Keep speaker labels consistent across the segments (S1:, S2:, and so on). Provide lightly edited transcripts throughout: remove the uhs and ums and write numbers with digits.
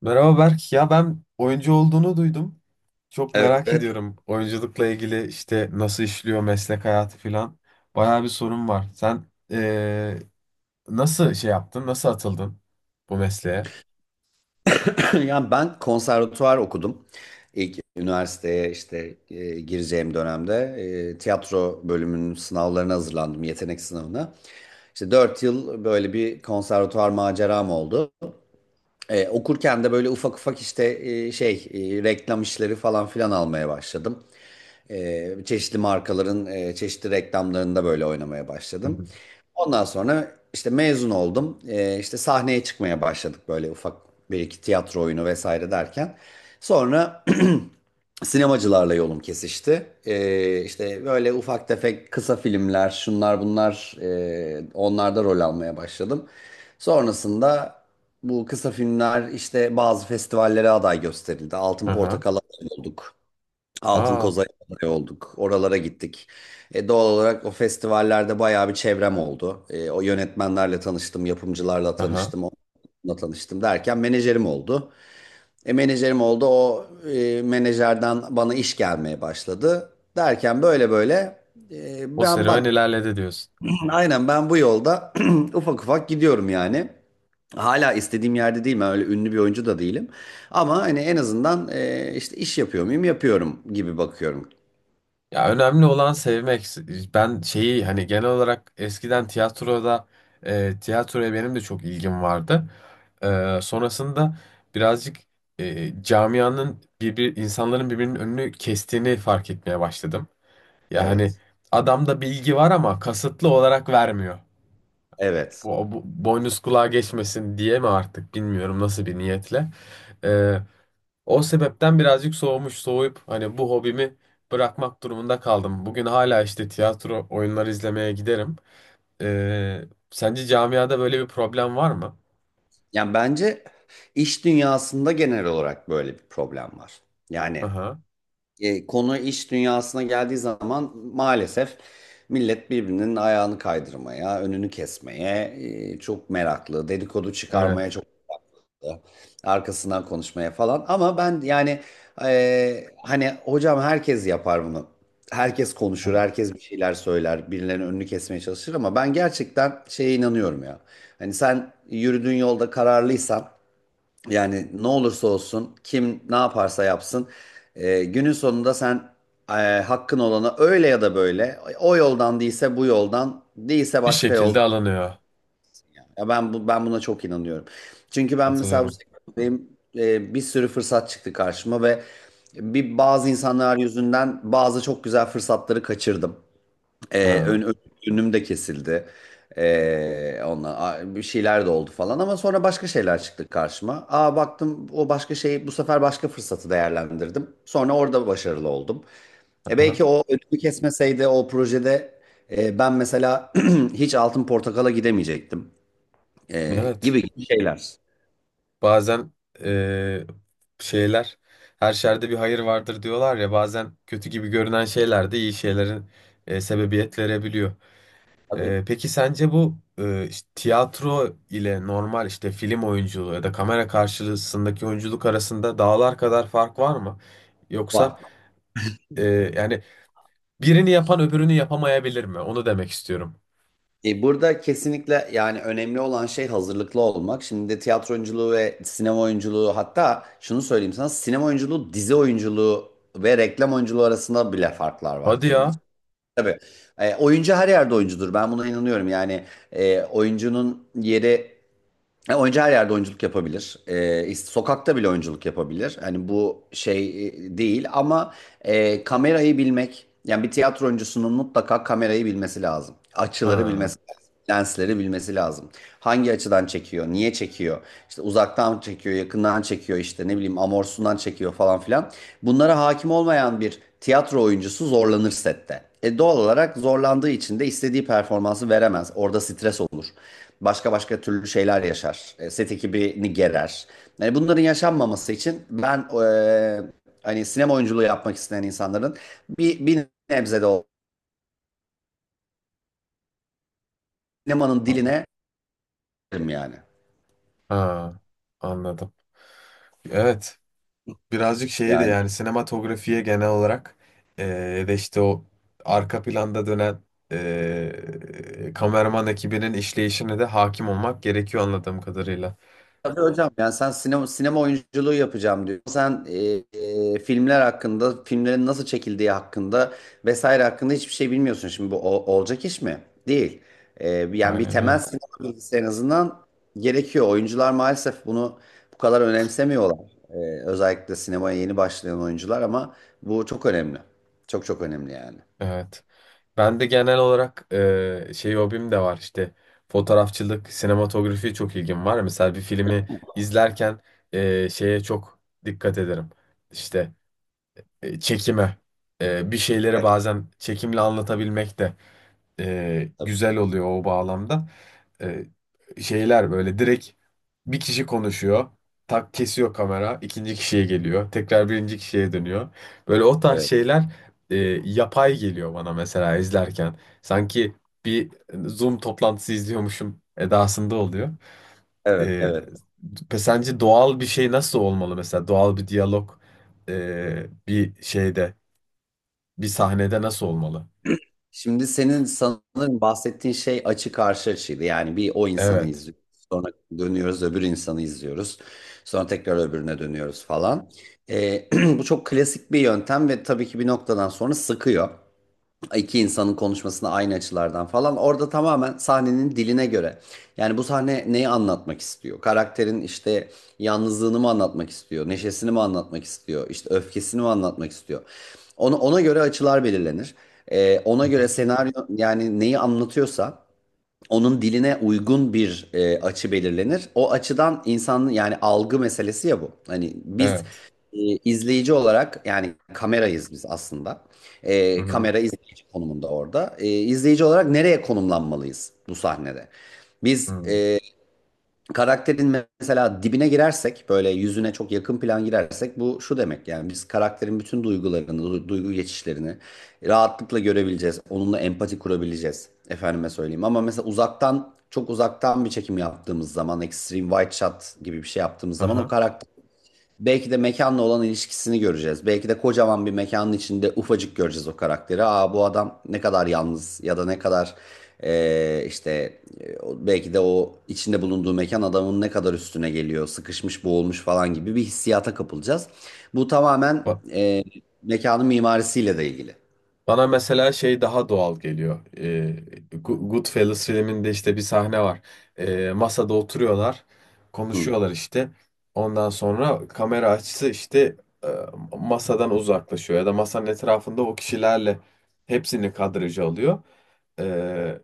S1: Merhaba Berk. Ya ben oyuncu olduğunu duydum. Çok merak
S2: Evet.
S1: ediyorum. Oyunculukla ilgili nasıl işliyor meslek hayatı falan. Bayağı bir sorun var. Sen nasıl yaptın? Nasıl atıldın bu mesleğe?
S2: Yani ben konservatuvar okudum. İlk üniversiteye işte gireceğim dönemde tiyatro bölümünün sınavlarına hazırlandım, yetenek sınavına. İşte 4 yıl böyle bir konservatuvar maceram oldu. Okurken de böyle ufak ufak işte reklam işleri falan filan almaya başladım. Çeşitli markaların çeşitli reklamlarında böyle oynamaya
S1: Hı
S2: başladım.
S1: hı.
S2: Ondan sonra işte mezun oldum. İşte sahneye çıkmaya başladık böyle ufak bir iki tiyatro oyunu vesaire derken. Sonra sinemacılarla yolum kesişti. İşte böyle ufak tefek kısa filmler, şunlar bunlar, onlarda rol almaya başladım. Sonrasında bu kısa filmler işte bazı festivallere aday gösterildi. Altın
S1: Aha.
S2: Portakal'a aday olduk. Altın
S1: Aa,
S2: Koza'ya aday olduk. Oralara gittik. Doğal olarak o festivallerde bayağı bir çevrem oldu. O yönetmenlerle tanıştım, yapımcılarla
S1: aha.
S2: tanıştım, onunla tanıştım derken menajerim oldu. Menajerim oldu. O menajerden bana iş gelmeye başladı. Derken böyle böyle, e,
S1: O
S2: ben
S1: serüven
S2: bak
S1: ilerledi diyorsun.
S2: aynen ben bu yolda ufak ufak gidiyorum yani. Hala istediğim yerde değilim. Ben öyle ünlü bir oyuncu da değilim. Ama hani en azından işte iş yapıyor muyum, yapıyorum gibi bakıyorum.
S1: Ya önemli olan sevmek. Ben hani genel olarak eskiden tiyatroya benim de çok ilgim vardı. Sonrasında birazcık, camianın insanların birbirinin önünü kestiğini fark etmeye başladım. Yani
S2: Evet.
S1: adamda bilgi var ama kasıtlı olarak vermiyor.
S2: Evet.
S1: Bu boynuz kulağa geçmesin diye mi artık bilmiyorum nasıl bir niyetle. E, o sebepten birazcık soğumuş, soğuyup hani bu hobimi bırakmak durumunda kaldım. Bugün hala işte tiyatro oyunları izlemeye giderim. Sence camiada böyle bir problem var mı?
S2: Yani bence iş dünyasında genel olarak böyle bir problem var. Yani,
S1: Aha,
S2: Konu iş dünyasına geldiği zaman maalesef millet birbirinin ayağını kaydırmaya, önünü kesmeye çok meraklı, dedikodu çıkarmaya
S1: evet,
S2: çok meraklı, arkasından konuşmaya falan. Ama ben yani, hani hocam, herkes yapar bunu. Herkes konuşur,
S1: evet.
S2: herkes bir şeyler söyler, birilerinin önünü kesmeye çalışır ama ben gerçekten şeye inanıyorum ya. Hani sen yürüdüğün yolda kararlıysan, yani ne olursa olsun, kim ne yaparsa yapsın, günün sonunda sen e, hakkın olana öyle ya da böyle, o yoldan değilse bu yoldan, değilse
S1: Bir
S2: başka
S1: şekilde
S2: yoldan.
S1: alınıyor.
S2: Ya ben bu ben buna çok inanıyorum. Çünkü ben mesela bu
S1: Katılıyorum.
S2: sektördeyim, bir sürü fırsat çıktı karşıma ve bazı insanlar yüzünden bazı çok güzel fırsatları kaçırdım. Ee,
S1: Ha,
S2: ön, ön- Önüm de kesildi. Onunla bir şeyler de oldu falan ama sonra başka şeyler çıktı karşıma. Aa, baktım o başka şeyi, bu sefer başka fırsatı değerlendirdim. Sonra orada başarılı oldum. E
S1: aha.
S2: belki o önümü kesmeseydi o projede, ben mesela hiç Altın Portakal'a gidemeyecektim.
S1: Evet.
S2: Gibi gibi şeyler.
S1: Bazen, ee, şeyler, her şerde bir hayır vardır diyorlar ya, bazen kötü gibi görünen şeyler de iyi şeylerin, sebebiyet verebiliyor.
S2: Tabii.
S1: Peki sence bu, işte tiyatro ile normal işte film oyunculuğu ya da kamera karşısındaki oyunculuk arasında dağlar kadar fark var mı? Yoksa,
S2: Var.
S1: e, yani birini yapan öbürünü yapamayabilir mi? Onu demek istiyorum.
S2: Burada kesinlikle, yani önemli olan şey hazırlıklı olmak. Şimdi tiyatro oyunculuğu ve sinema oyunculuğu, hatta şunu söyleyeyim sana, sinema oyunculuğu, dizi oyunculuğu ve reklam oyunculuğu arasında bile farklar var
S1: Hadi
S2: kendi
S1: ya.
S2: için. Tabii, oyuncu her yerde oyuncudur. Ben buna inanıyorum. Yani oyuncunun yeri, oyuncu her yerde oyunculuk yapabilir. Sokakta bile oyunculuk yapabilir. Hani bu değil ama kamerayı bilmek, yani bir tiyatro oyuncusunun mutlaka kamerayı bilmesi lazım. Açıları
S1: Ha,
S2: bilmesi, lensleri bilmesi lazım. Hangi açıdan çekiyor, niye çekiyor, işte uzaktan çekiyor, yakından çekiyor, işte ne bileyim amorsundan çekiyor falan filan. Bunlara hakim olmayan bir tiyatro oyuncusu zorlanır sette. E doğal olarak zorlandığı için de istediği performansı veremez. Orada stres olur. Başka başka türlü şeyler yaşar. Set ekibini gerer. Yani bunların yaşanmaması için ben, hani sinema oyunculuğu yapmak isteyen insanların bir nebze de o sinemanın
S1: ha,
S2: diline, yani.
S1: ha, anladım. Evet. Birazcık şeye de
S2: Yani.
S1: yani sinematografiye genel olarak, eee, ya da işte o arka planda dönen, kameraman ekibinin işleyişine de hakim olmak gerekiyor anladığım kadarıyla.
S2: Tabii hocam, yani sen sinema, sinema oyunculuğu yapacağım diyor. Sen filmler hakkında, filmlerin nasıl çekildiği hakkında vesaire hakkında hiçbir şey bilmiyorsun. Şimdi bu olacak iş mi? Değil. Yani bir
S1: Aynen
S2: temel
S1: öyle.
S2: sinema bilgisi en azından gerekiyor. Oyuncular maalesef bunu bu kadar önemsemiyorlar. Özellikle sinemaya yeni başlayan oyuncular, ama bu çok önemli. Çok çok önemli yani.
S1: Evet. Ben de genel olarak hobim de var işte, fotoğrafçılık, sinematografi, çok ilgim var. Mesela bir filmi izlerken, şeye çok dikkat ederim. İşte, çekime. Bir şeyleri bazen çekimle anlatabilmek de,
S2: Tabii.
S1: güzel oluyor o bağlamda. E, şeyler Böyle direkt bir kişi konuşuyor. Tak kesiyor kamera. İkinci kişiye geliyor. Tekrar birinci kişiye dönüyor. Böyle o tarz
S2: Evet,
S1: şeyler, e, yapay geliyor bana mesela izlerken. Sanki bir Zoom toplantısı izliyormuşum edasında oluyor. E,
S2: evet, evet.
S1: pe- sence doğal bir şey nasıl olmalı mesela? Doğal bir diyalog, e, bir şeyde, bir sahnede nasıl olmalı?
S2: Şimdi senin sanırım bahsettiğin şey açı karşı açıydı. Yani bir o insanı
S1: Evet.
S2: izliyoruz. Sonra dönüyoruz, öbür insanı izliyoruz. Sonra tekrar öbürüne dönüyoruz falan. Ee, bu çok klasik bir yöntem ve tabii ki bir noktadan sonra sıkıyor, iki insanın konuşmasını aynı açılardan falan. Orada tamamen sahnenin diline göre. Yani bu sahne neyi anlatmak istiyor? Karakterin işte yalnızlığını mı anlatmak istiyor? Neşesini mi anlatmak istiyor? İşte öfkesini mi anlatmak istiyor? Ona göre açılar belirlenir. Ona
S1: Hı
S2: göre
S1: hı.
S2: senaryo, yani neyi anlatıyorsa onun diline uygun bir açı belirlenir. O açıdan insanın, yani algı meselesi ya bu. Hani biz,
S1: Evet.
S2: e, izleyici olarak, yani kamerayız biz aslında.
S1: Hı hı.
S2: Kamera izleyici konumunda orada. İzleyici olarak nereye konumlanmalıyız bu sahnede? Biz
S1: Hı.
S2: karakterin mesela dibine girersek, böyle yüzüne çok yakın plan girersek, bu şu demek: yani biz karakterin bütün duygularını, duygu geçişlerini rahatlıkla görebileceğiz. Onunla empati kurabileceğiz. Efendime söyleyeyim, ama mesela uzaktan, çok uzaktan bir çekim yaptığımız zaman, extreme wide shot gibi bir şey yaptığımız zaman, o
S1: Aha.
S2: karakter, belki de mekanla olan ilişkisini göreceğiz. Belki de kocaman bir mekanın içinde ufacık göreceğiz o karakteri. Aa, bu adam ne kadar yalnız ya da ne kadar belki de o içinde bulunduğu mekan adamın ne kadar üstüne geliyor, sıkışmış, boğulmuş falan gibi bir hissiyata kapılacağız. Bu tamamen
S1: Ba-
S2: mekanın mimarisiyle de ilgili.
S1: Bana mesela şey daha doğal geliyor. Go- Goodfellas filminde işte bir sahne var. Masada oturuyorlar,
S2: Hı.
S1: konuşuyorlar işte. Ondan sonra kamera açısı işte, e, masadan uzaklaşıyor ya da masanın etrafında o kişilerle hepsini kadraja alıyor. Ee,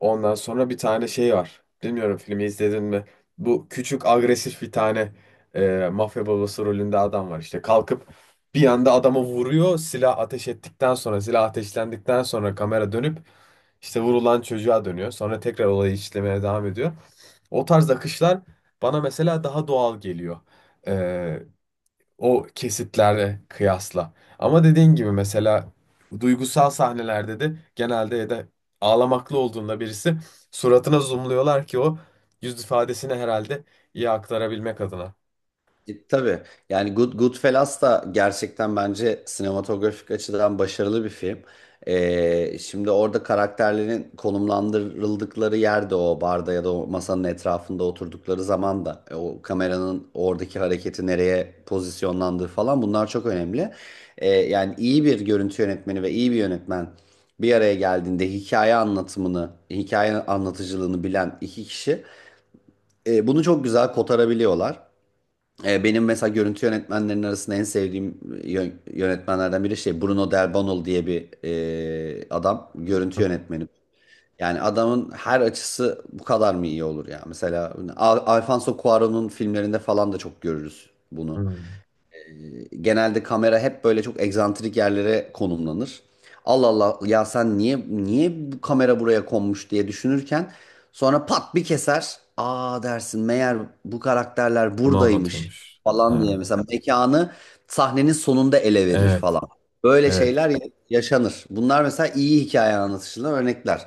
S1: ondan sonra bir tane şey var. Bilmiyorum, filmi izledin mi? Bu küçük agresif bir tane, mafya babası rolünde adam var, işte kalkıp bir anda adamı vuruyor. Silah ateş ettikten sonra, silah ateşlendikten sonra kamera dönüp işte vurulan çocuğa dönüyor. Sonra tekrar olayı işlemeye devam ediyor. O tarz akışlar bana mesela daha doğal geliyor. Ee, o kesitlerle kıyasla. Ama dediğin gibi mesela duygusal sahnelerde de genelde, ya da ağlamaklı olduğunda birisi, suratına zoomluyorlar ki o yüz ifadesini herhalde iyi aktarabilmek adına.
S2: Tabii, yani Goodfellas da gerçekten bence sinematografik açıdan başarılı bir film. Şimdi orada karakterlerin konumlandırıldıkları yerde, o barda ya da o masanın etrafında oturdukları zaman da, o kameranın oradaki hareketi, nereye pozisyonlandığı falan, bunlar çok önemli. Yani iyi bir görüntü yönetmeni ve iyi bir yönetmen bir araya geldiğinde, hikaye anlatımını, hikaye anlatıcılığını bilen iki kişi, bunu çok güzel kotarabiliyorlar. Benim mesela görüntü yönetmenlerinin arasında en sevdiğim yönetmenlerden biri, şey, Bruno Del Bonal diye bir adam, görüntü yönetmeni. Yani adamın her açısı bu kadar mı iyi olur ya? Mesela Alfonso Cuarón'un filmlerinde falan da çok görürüz bunu.
S1: Hmm.
S2: Genelde kamera hep böyle çok egzantrik yerlere konumlanır. Allah Allah ya, sen niye, bu kamera buraya konmuş diye düşünürken, sonra pat bir keser. Aa dersin, meğer bu karakterler
S1: Bunu
S2: buradaymış
S1: anlatıyormuş.
S2: falan diye
S1: Ha,
S2: mesela mekanı sahnenin sonunda ele verir
S1: evet.
S2: falan. Böyle
S1: Evet,
S2: şeyler yaşanır. Bunlar mesela iyi hikaye anlatışından örnekler.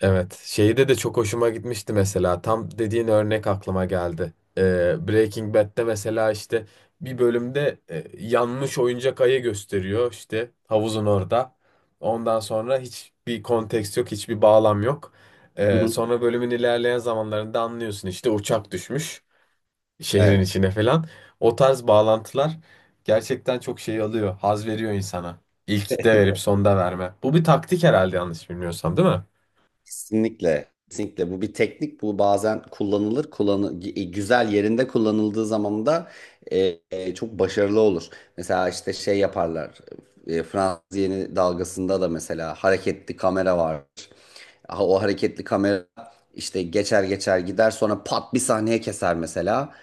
S1: evet. Şeyde de çok hoşuma gitmişti mesela. Tam dediğin örnek aklıma geldi. Breaking Bad'de mesela işte bir bölümde, yanmış oyuncak ayı gösteriyor işte havuzun orada. Ondan sonra hiçbir konteks yok, hiçbir bağlam yok.
S2: Hı hı.
S1: Sonra bölümün ilerleyen zamanlarında anlıyorsun işte uçak düşmüş şehrin
S2: Evet.
S1: içine falan. O tarz bağlantılar gerçekten çok şey alıyor, haz veriyor insana. İlkte verip sonda verme. Bu bir taktik herhalde, yanlış bilmiyorsam, değil mi?
S2: Kesinlikle. Kesinlikle. Bu bir teknik. Bu bazen kullanılır. Güzel, yerinde kullanıldığı zaman da çok başarılı olur. Mesela işte şey yaparlar. Fransız yeni dalgasında da mesela hareketli kamera var. Ha, o hareketli kamera işte geçer geçer gider, sonra pat bir sahneye keser mesela.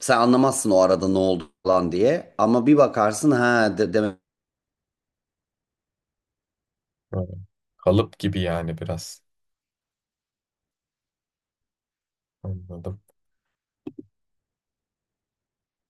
S2: Sen anlamazsın o arada ne oldu falan diye. Ama bir bakarsın, ha demek
S1: Ha, kalıp gibi yani biraz. Anladım.